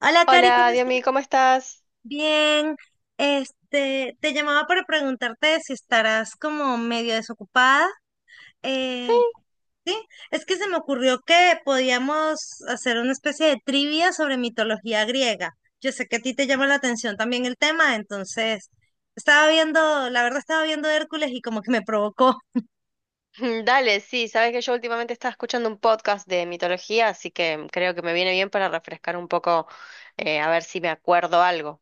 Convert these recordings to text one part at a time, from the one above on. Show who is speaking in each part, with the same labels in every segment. Speaker 1: Hola, Cari,
Speaker 2: Hola,
Speaker 1: ¿cómo estás?
Speaker 2: Diomi, ¿cómo estás?
Speaker 1: Bien. Te llamaba para preguntarte si estarás como medio desocupada.
Speaker 2: Sí,
Speaker 1: Eh, sí, es que se me ocurrió que podíamos hacer una especie de trivia sobre mitología griega. Yo sé que a ti te llama la atención también el tema, entonces estaba viendo, la verdad estaba viendo Hércules y como que me provocó.
Speaker 2: Dale, sí, sabes que yo últimamente estaba escuchando un podcast de mitología, así que creo que me viene bien para refrescar un poco, a ver si me acuerdo algo.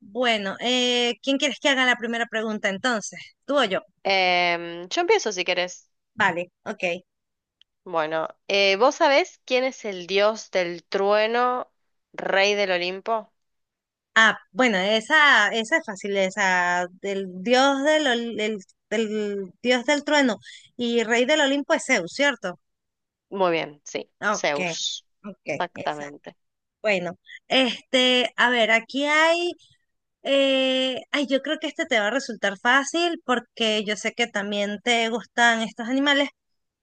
Speaker 1: Bueno, ¿quién quieres que haga la primera pregunta entonces? ¿Tú o yo?
Speaker 2: Yo empiezo si querés.
Speaker 1: Vale, ok.
Speaker 2: Bueno, ¿vos sabés quién es el dios del trueno, rey del Olimpo?
Speaker 1: Ah, bueno, esa es fácil, esa del del, dios del trueno y rey del Olimpo es Zeus, ¿cierto?
Speaker 2: Muy bien, sí,
Speaker 1: Ok,
Speaker 2: Zeus.
Speaker 1: ok, exacto.
Speaker 2: Exactamente.
Speaker 1: Bueno, a ver, ay, yo creo que este te va a resultar fácil porque yo sé que también te gustan estos animales,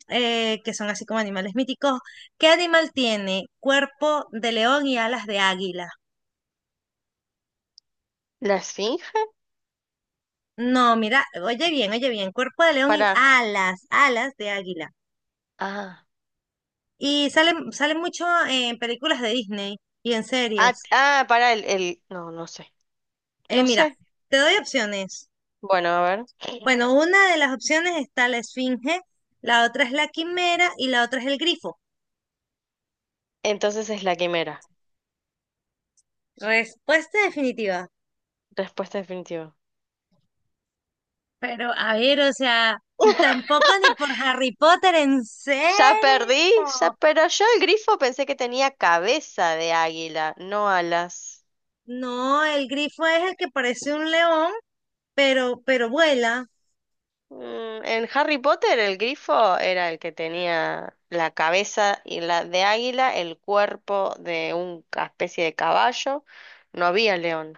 Speaker 1: que son así como animales míticos. ¿Qué animal tiene cuerpo de león y alas de águila?
Speaker 2: ¿La Esfinge?
Speaker 1: No, mira, oye bien, cuerpo de león y
Speaker 2: Para.
Speaker 1: alas de águila.
Speaker 2: Ah,
Speaker 1: Y salen mucho en películas de Disney y en
Speaker 2: ah,
Speaker 1: series.
Speaker 2: ah, para el, el. No, no sé. No
Speaker 1: Mira,
Speaker 2: sé.
Speaker 1: te doy opciones.
Speaker 2: Bueno, a ver.
Speaker 1: Bueno, una de las opciones está la esfinge, la otra es la quimera y la otra es el grifo.
Speaker 2: Entonces es la quimera.
Speaker 1: Respuesta definitiva.
Speaker 2: Respuesta definitiva.
Speaker 1: Pero a ver, o sea, tampoco ni por Harry Potter, ¿en
Speaker 2: Ya
Speaker 1: serio?
Speaker 2: perdí, ya, pero yo el grifo pensé que tenía cabeza de águila, no alas.
Speaker 1: No, el grifo es el que parece un león, pero vuela.
Speaker 2: Mm, en Harry Potter el grifo era el que tenía la cabeza y la de águila, el cuerpo de una especie de caballo. No había león.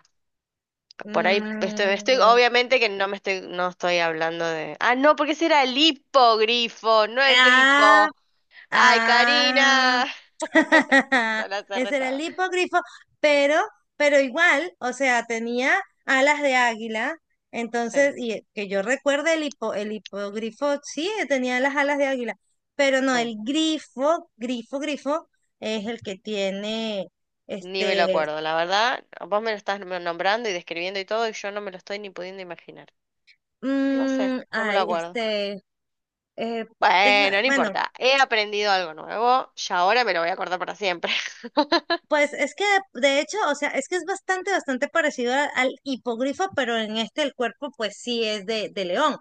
Speaker 2: Por ahí estoy,
Speaker 1: Mm,
Speaker 2: obviamente que no me estoy, no estoy hablando de. Ah, no, porque ese era el hipogrifo, no el
Speaker 1: ah,
Speaker 2: grifo. Ay,
Speaker 1: ah.
Speaker 2: Karina, sola se
Speaker 1: Ese era el
Speaker 2: retaba.
Speaker 1: hipogrifo, pero, pero igual, o sea, tenía alas de águila.
Speaker 2: Sí,
Speaker 1: Entonces, y que yo recuerde el hipogrifo, sí, tenía las alas de águila, pero no,
Speaker 2: sí.
Speaker 1: grifo, es el que tiene,
Speaker 2: Ni me lo
Speaker 1: este,
Speaker 2: acuerdo. La verdad, vos me lo estás nombrando y describiendo y todo, y yo no me lo estoy ni pudiendo imaginar. No sé,
Speaker 1: mm,
Speaker 2: no me lo
Speaker 1: ay,
Speaker 2: acuerdo.
Speaker 1: este, eh,
Speaker 2: Bueno, no
Speaker 1: bueno,
Speaker 2: importa. He aprendido algo nuevo y ahora me lo voy a acordar para siempre.
Speaker 1: pues es que de hecho, o sea, es que es bastante parecido al hipogrifo, pero en este el cuerpo pues sí es de león. O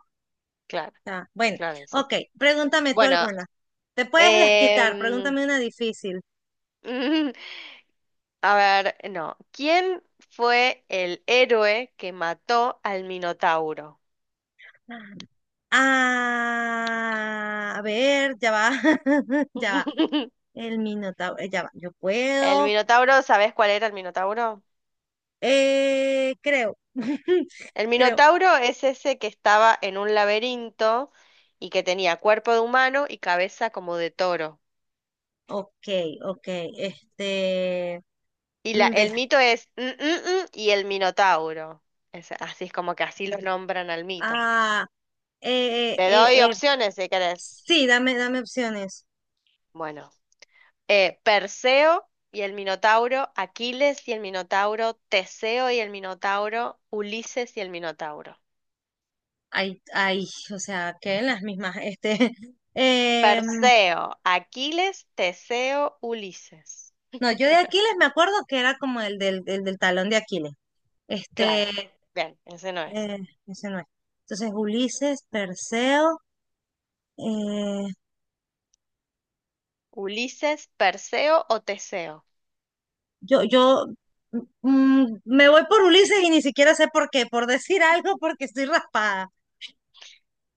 Speaker 2: Claro,
Speaker 1: sea, bueno,
Speaker 2: claro, y sí.
Speaker 1: ok, pregúntame tú
Speaker 2: Bueno,
Speaker 1: alguna. Te puedes desquitar,
Speaker 2: em,
Speaker 1: pregúntame una difícil.
Speaker 2: a ver, no. ¿Quién fue el héroe que mató al Minotauro?
Speaker 1: Ah, a ver, ya va, ya va. El minotauro, ya va, yo
Speaker 2: ¿El
Speaker 1: puedo.
Speaker 2: Minotauro, sabés cuál era el Minotauro?
Speaker 1: Creo,
Speaker 2: El
Speaker 1: creo.
Speaker 2: Minotauro es ese que estaba en un laberinto y que tenía cuerpo de humano y cabeza como de toro.
Speaker 1: Ok, ok, este...
Speaker 2: Y la,
Speaker 1: mm, de-
Speaker 2: el mito es "Mm, mm, mm", y el Minotauro. Es- así es como que así los nombran al mito.
Speaker 1: ah, eh,
Speaker 2: Te
Speaker 1: eh,
Speaker 2: doy
Speaker 1: eh,
Speaker 2: opciones si querés.
Speaker 1: sí, dame opciones.
Speaker 2: Bueno, Perseo y el Minotauro, Aquiles y el Minotauro, Teseo y el Minotauro, Ulises y el Minotauro.
Speaker 1: Ay, ay, o sea, queden las mismas. Em,
Speaker 2: Perseo, Aquiles, Teseo, Ulises.
Speaker 1: no, yo de Aquiles me acuerdo que era como el del talón de Aquiles. Este,
Speaker 2: Claro, bien, ese no es.
Speaker 1: eh, Ese no es. Entonces, Ulises, Perseo, eh,
Speaker 2: Ulises, Perseo o Teseo.
Speaker 1: yo me voy por Ulises y ni siquiera sé por qué, por decir algo, porque estoy raspada.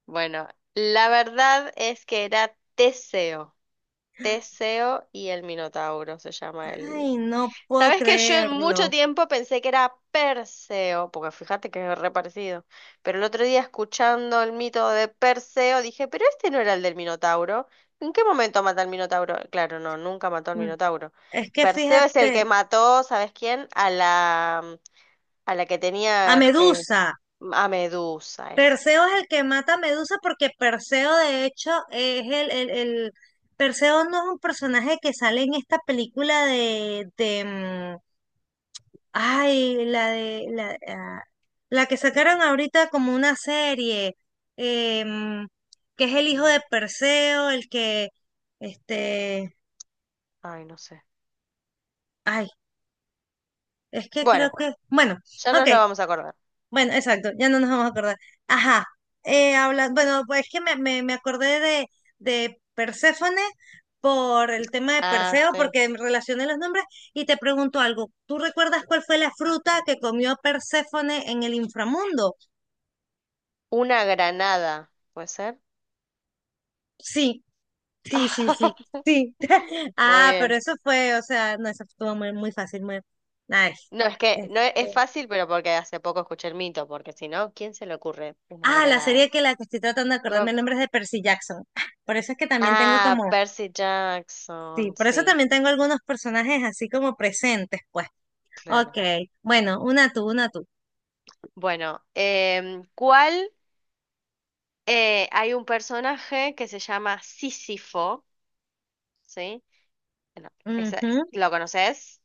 Speaker 2: Bueno, la verdad es que era Teseo. Teseo y el Minotauro se llama el...
Speaker 1: Ay, no puedo
Speaker 2: Sabes que yo mucho
Speaker 1: creerlo.
Speaker 2: tiempo pensé que era Perseo, porque fíjate que es re parecido. Pero el otro día escuchando el mito de Perseo dije, pero este no era el del Minotauro. ¿En qué momento mata al Minotauro? Claro, no, nunca mató al
Speaker 1: Mm,
Speaker 2: Minotauro.
Speaker 1: es que
Speaker 2: Perseo es el
Speaker 1: fíjate,
Speaker 2: que mató, ¿sabes quién? A la que
Speaker 1: a
Speaker 2: tenía
Speaker 1: Medusa.
Speaker 2: a Medusa.
Speaker 1: Perseo es el que mata a Medusa porque Perseo de hecho el- Perseo no es un personaje que sale en esta película de la de la, ah, la que sacaron ahorita como una serie, eh, mm, que es el hijo de
Speaker 2: Mm,
Speaker 1: Perseo, el que este,
Speaker 2: ay, no sé.
Speaker 1: ay, es que creo
Speaker 2: Bueno,
Speaker 1: que, bueno,
Speaker 2: ya
Speaker 1: ok,
Speaker 2: nos lo vamos a acordar.
Speaker 1: bueno, exacto, ya no nos vamos a acordar. Ajá, bueno, pues es que me acordé de Perséfone por el tema de
Speaker 2: Ah,
Speaker 1: Perseo,
Speaker 2: sí.
Speaker 1: porque relacioné los nombres y te pregunto algo. ¿Tú recuerdas cuál fue la fruta que comió Perséfone en el inframundo?
Speaker 2: Una granada, ¿puede ser?
Speaker 1: Sí, sí, sí, sí, sí.
Speaker 2: Muy
Speaker 1: Ah, pero
Speaker 2: bien.
Speaker 1: eso fue, o sea, no, eso estuvo muy fácil, muy... Ay,
Speaker 2: No, es que
Speaker 1: este,
Speaker 2: no es es fácil, pero porque hace poco escuché el mito, porque si no, ¿quién se le ocurre una
Speaker 1: ah, la
Speaker 2: granada?
Speaker 1: serie que la que estoy tratando de acordarme
Speaker 2: Uno...
Speaker 1: el nombre es de Percy Jackson. Por eso es que también tengo
Speaker 2: Ah,
Speaker 1: como
Speaker 2: Percy
Speaker 1: sí,
Speaker 2: Jackson,
Speaker 1: por eso
Speaker 2: sí,
Speaker 1: también tengo algunos personajes así como presentes, pues. Ok,
Speaker 2: claro.
Speaker 1: bueno, una tú, una tú.
Speaker 2: Bueno, ¿cuál? Hay un personaje que se llama Sísifo, ¿sí? Bueno,
Speaker 1: Ujú.
Speaker 2: ¿lo conoces?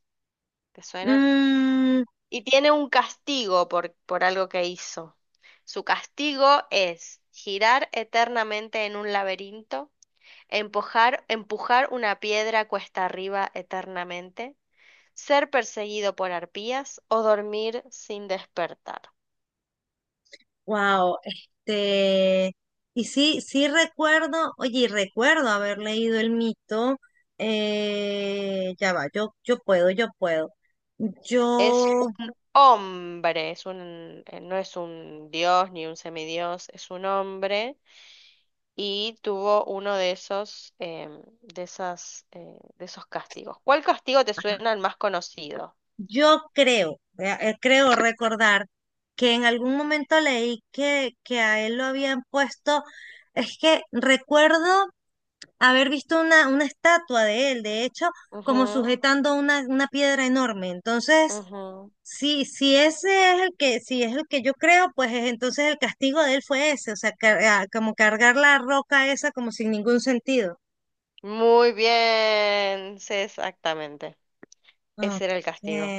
Speaker 2: ¿Te suena?
Speaker 1: Mm,
Speaker 2: Y tiene un castigo por algo que hizo. Su castigo es girar eternamente en un laberinto, empujar una piedra cuesta arriba eternamente, ser perseguido por arpías o dormir sin despertar.
Speaker 1: wow, este... Y sí, sí recuerdo, oye, y recuerdo haber leído el mito. Ya va, yo puedo, yo puedo.
Speaker 2: Es
Speaker 1: Yo,
Speaker 2: un hombre, es un, no es un dios ni un semidios, es un hombre y tuvo uno de esos, de esas, de esos castigos. ¿Cuál castigo te suena el más conocido?
Speaker 1: yo creo, creo recordar que en algún momento leí que a él lo habían puesto, es que recuerdo haber visto una estatua de él, de hecho, como
Speaker 2: Ujú,
Speaker 1: sujetando una piedra enorme. Entonces,
Speaker 2: ujú.
Speaker 1: si ese es el que, si es el que yo creo, entonces el castigo de él fue ese, o sea, como cargar la roca esa como sin ningún sentido.
Speaker 2: Muy bien, sí, exactamente. Ese era el
Speaker 1: Ok.
Speaker 2: castigo.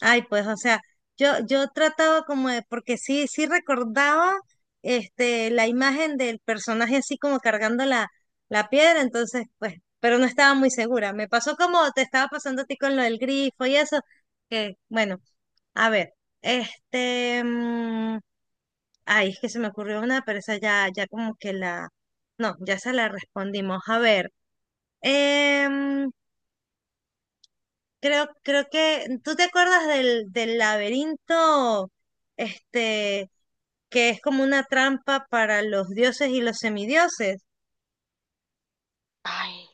Speaker 1: Ay, pues, o sea, yo trataba como de, porque sí, sí recordaba la imagen del personaje así como cargando la, la piedra, entonces, pues, pero no estaba muy segura. Me pasó como te estaba pasando a ti con lo del grifo y eso, que, bueno, a ver, este, mm, es que se me ocurrió una, pero esa ya, ya como que la, no, ya se la respondimos. A ver, em, creo, creo que tú te acuerdas del laberinto, este, que es como una trampa para los dioses y los semidioses.
Speaker 2: Ay,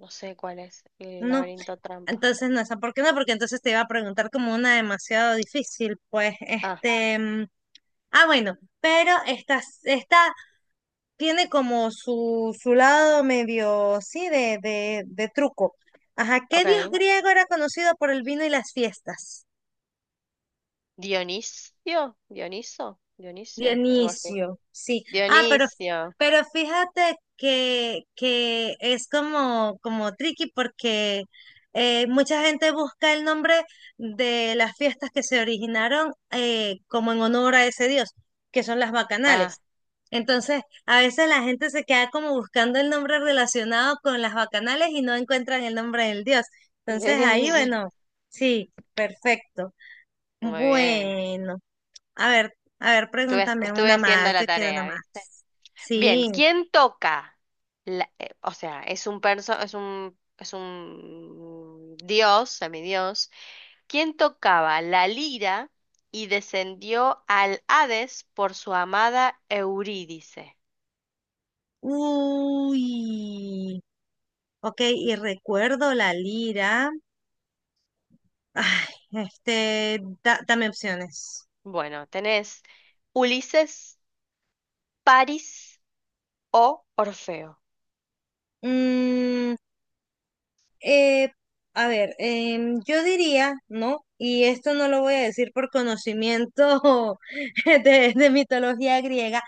Speaker 2: no sé cuál es el
Speaker 1: No,
Speaker 2: laberinto trampa.
Speaker 1: entonces no, esa, ¿por qué no? Porque entonces te iba a preguntar como una demasiado difícil, pues,
Speaker 2: Ah,
Speaker 1: ah, bueno, pero esta tiene como su lado medio, sí, de truco. Ajá, ¿qué dios
Speaker 2: ok.
Speaker 1: griego era conocido por el vino y las fiestas?
Speaker 2: Dionisio, Dioniso, Dionisio, algo así.
Speaker 1: Dionisio, sí. Ah,
Speaker 2: Dionisio.
Speaker 1: pero fíjate que es como, como tricky porque mucha gente busca el nombre de las fiestas que se originaron como en honor a ese dios, que son las
Speaker 2: Ah,
Speaker 1: bacanales. Entonces, a veces la gente se queda como buscando el nombre relacionado con las bacanales y no encuentran el nombre del dios.
Speaker 2: de
Speaker 1: Entonces, ahí,
Speaker 2: Dionisio.
Speaker 1: bueno, sí, perfecto.
Speaker 2: Muy bien.
Speaker 1: Bueno. A ver, pregúntame
Speaker 2: Estuve
Speaker 1: una
Speaker 2: haciendo
Speaker 1: más,
Speaker 2: la
Speaker 1: yo quiero una
Speaker 2: tarea, ¿viste?
Speaker 1: más.
Speaker 2: Bien,
Speaker 1: Sí.
Speaker 2: ¿quién toca? O sea, es un perso, es un dios, semidios quien tocaba la lira y descendió al Hades por su amada Eurídice.
Speaker 1: Uy. Ok, y recuerdo la lira. Ay, este, dame opciones.
Speaker 2: Bueno, tenés Ulises, París o Orfeo.
Speaker 1: Mm, eh, a ver, yo diría, ¿no? Y esto no lo voy a decir por conocimiento de mitología griega.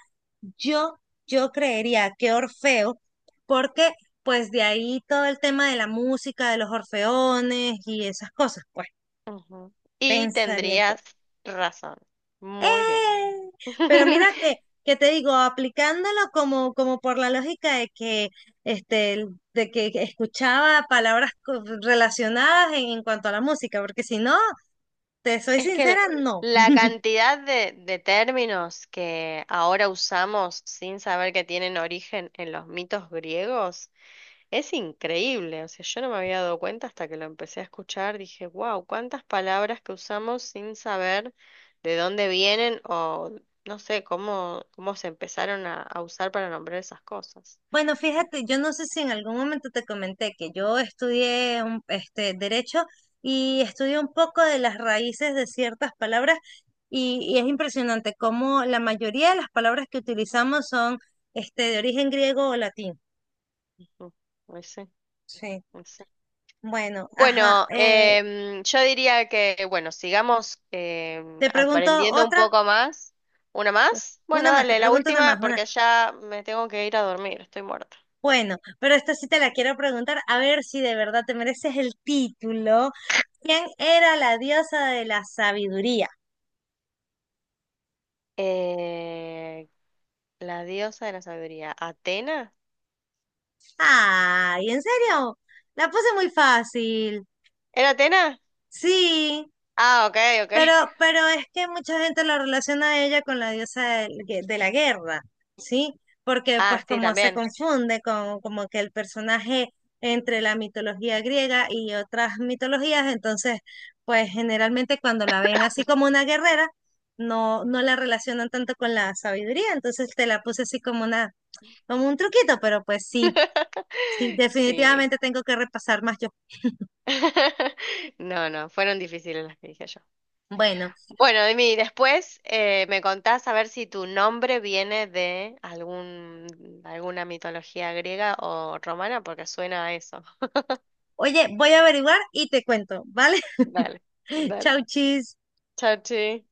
Speaker 1: Yo, yo creería que Orfeo, porque pues de ahí todo el tema de la música, de los orfeones y esas cosas, pues
Speaker 2: Ujú. Y
Speaker 1: pensaría yo.
Speaker 2: tendrías razón. Muy bien.
Speaker 1: ¡Eh! Pero mira que te digo, aplicándolo como, como por la lógica de que, este, de que escuchaba palabras relacionadas en cuanto a la música, porque si no, te soy
Speaker 2: Es que el-
Speaker 1: sincera, no.
Speaker 2: la cantidad de términos que ahora usamos sin saber que tienen origen en los mitos griegos es increíble. O sea, yo no me había dado cuenta hasta que lo empecé a escuchar, dije, wow, cuántas palabras que usamos sin saber de dónde vienen o no sé cómo, cómo se empezaron a usar para nombrar esas cosas.
Speaker 1: Bueno, fíjate, yo no sé si en algún momento te comenté que yo estudié derecho y estudié un poco de las raíces de ciertas palabras y es impresionante cómo la mayoría de las palabras que utilizamos son de origen griego o latín.
Speaker 2: Ujú, ahí sí,
Speaker 1: ¿Sí?
Speaker 2: ahí sí.
Speaker 1: Bueno, ajá.
Speaker 2: Bueno, yo diría que, bueno, sigamos
Speaker 1: Te pregunto
Speaker 2: aprendiendo un
Speaker 1: otra,
Speaker 2: poco más. ¿Una más? Bueno,
Speaker 1: una más, te
Speaker 2: dale, la
Speaker 1: pregunto una más,
Speaker 2: última,
Speaker 1: una.
Speaker 2: porque ya me tengo que ir a dormir, estoy muerta.
Speaker 1: Bueno, pero esta sí te la quiero preguntar, a ver si de verdad te mereces el título. ¿Quién era la diosa de la sabiduría?
Speaker 2: Eh, la diosa de la sabiduría, Atena.
Speaker 1: Ay, ¿en serio? La puse muy fácil.
Speaker 2: ¿Era Atena?
Speaker 1: Sí.
Speaker 2: Ah, ok, ok.
Speaker 1: Pero, pero es que mucha gente la relaciona a ella con la diosa de la guerra, ¿sí? Porque
Speaker 2: Ah,
Speaker 1: pues
Speaker 2: sí,
Speaker 1: como se
Speaker 2: también.
Speaker 1: confunde con como que el personaje entre la mitología griega y otras mitologías, entonces pues generalmente cuando la ven así como una guerrera, no la relacionan tanto con la sabiduría, entonces te la puse así como una, como un truquito, pero pues sí, sí,
Speaker 2: Sí.
Speaker 1: definitivamente tengo que repasar más yo.
Speaker 2: No, no, fueron difíciles las que dije yo.
Speaker 1: Bueno.
Speaker 2: Bueno, Dimi, después me contás a ver si tu nombre viene de algún, alguna mitología griega o romana, porque suena a eso.
Speaker 1: Oye, voy a averiguar y te cuento, ¿vale?
Speaker 2: Dale, dale.
Speaker 1: Chau, chis.
Speaker 2: Chachi.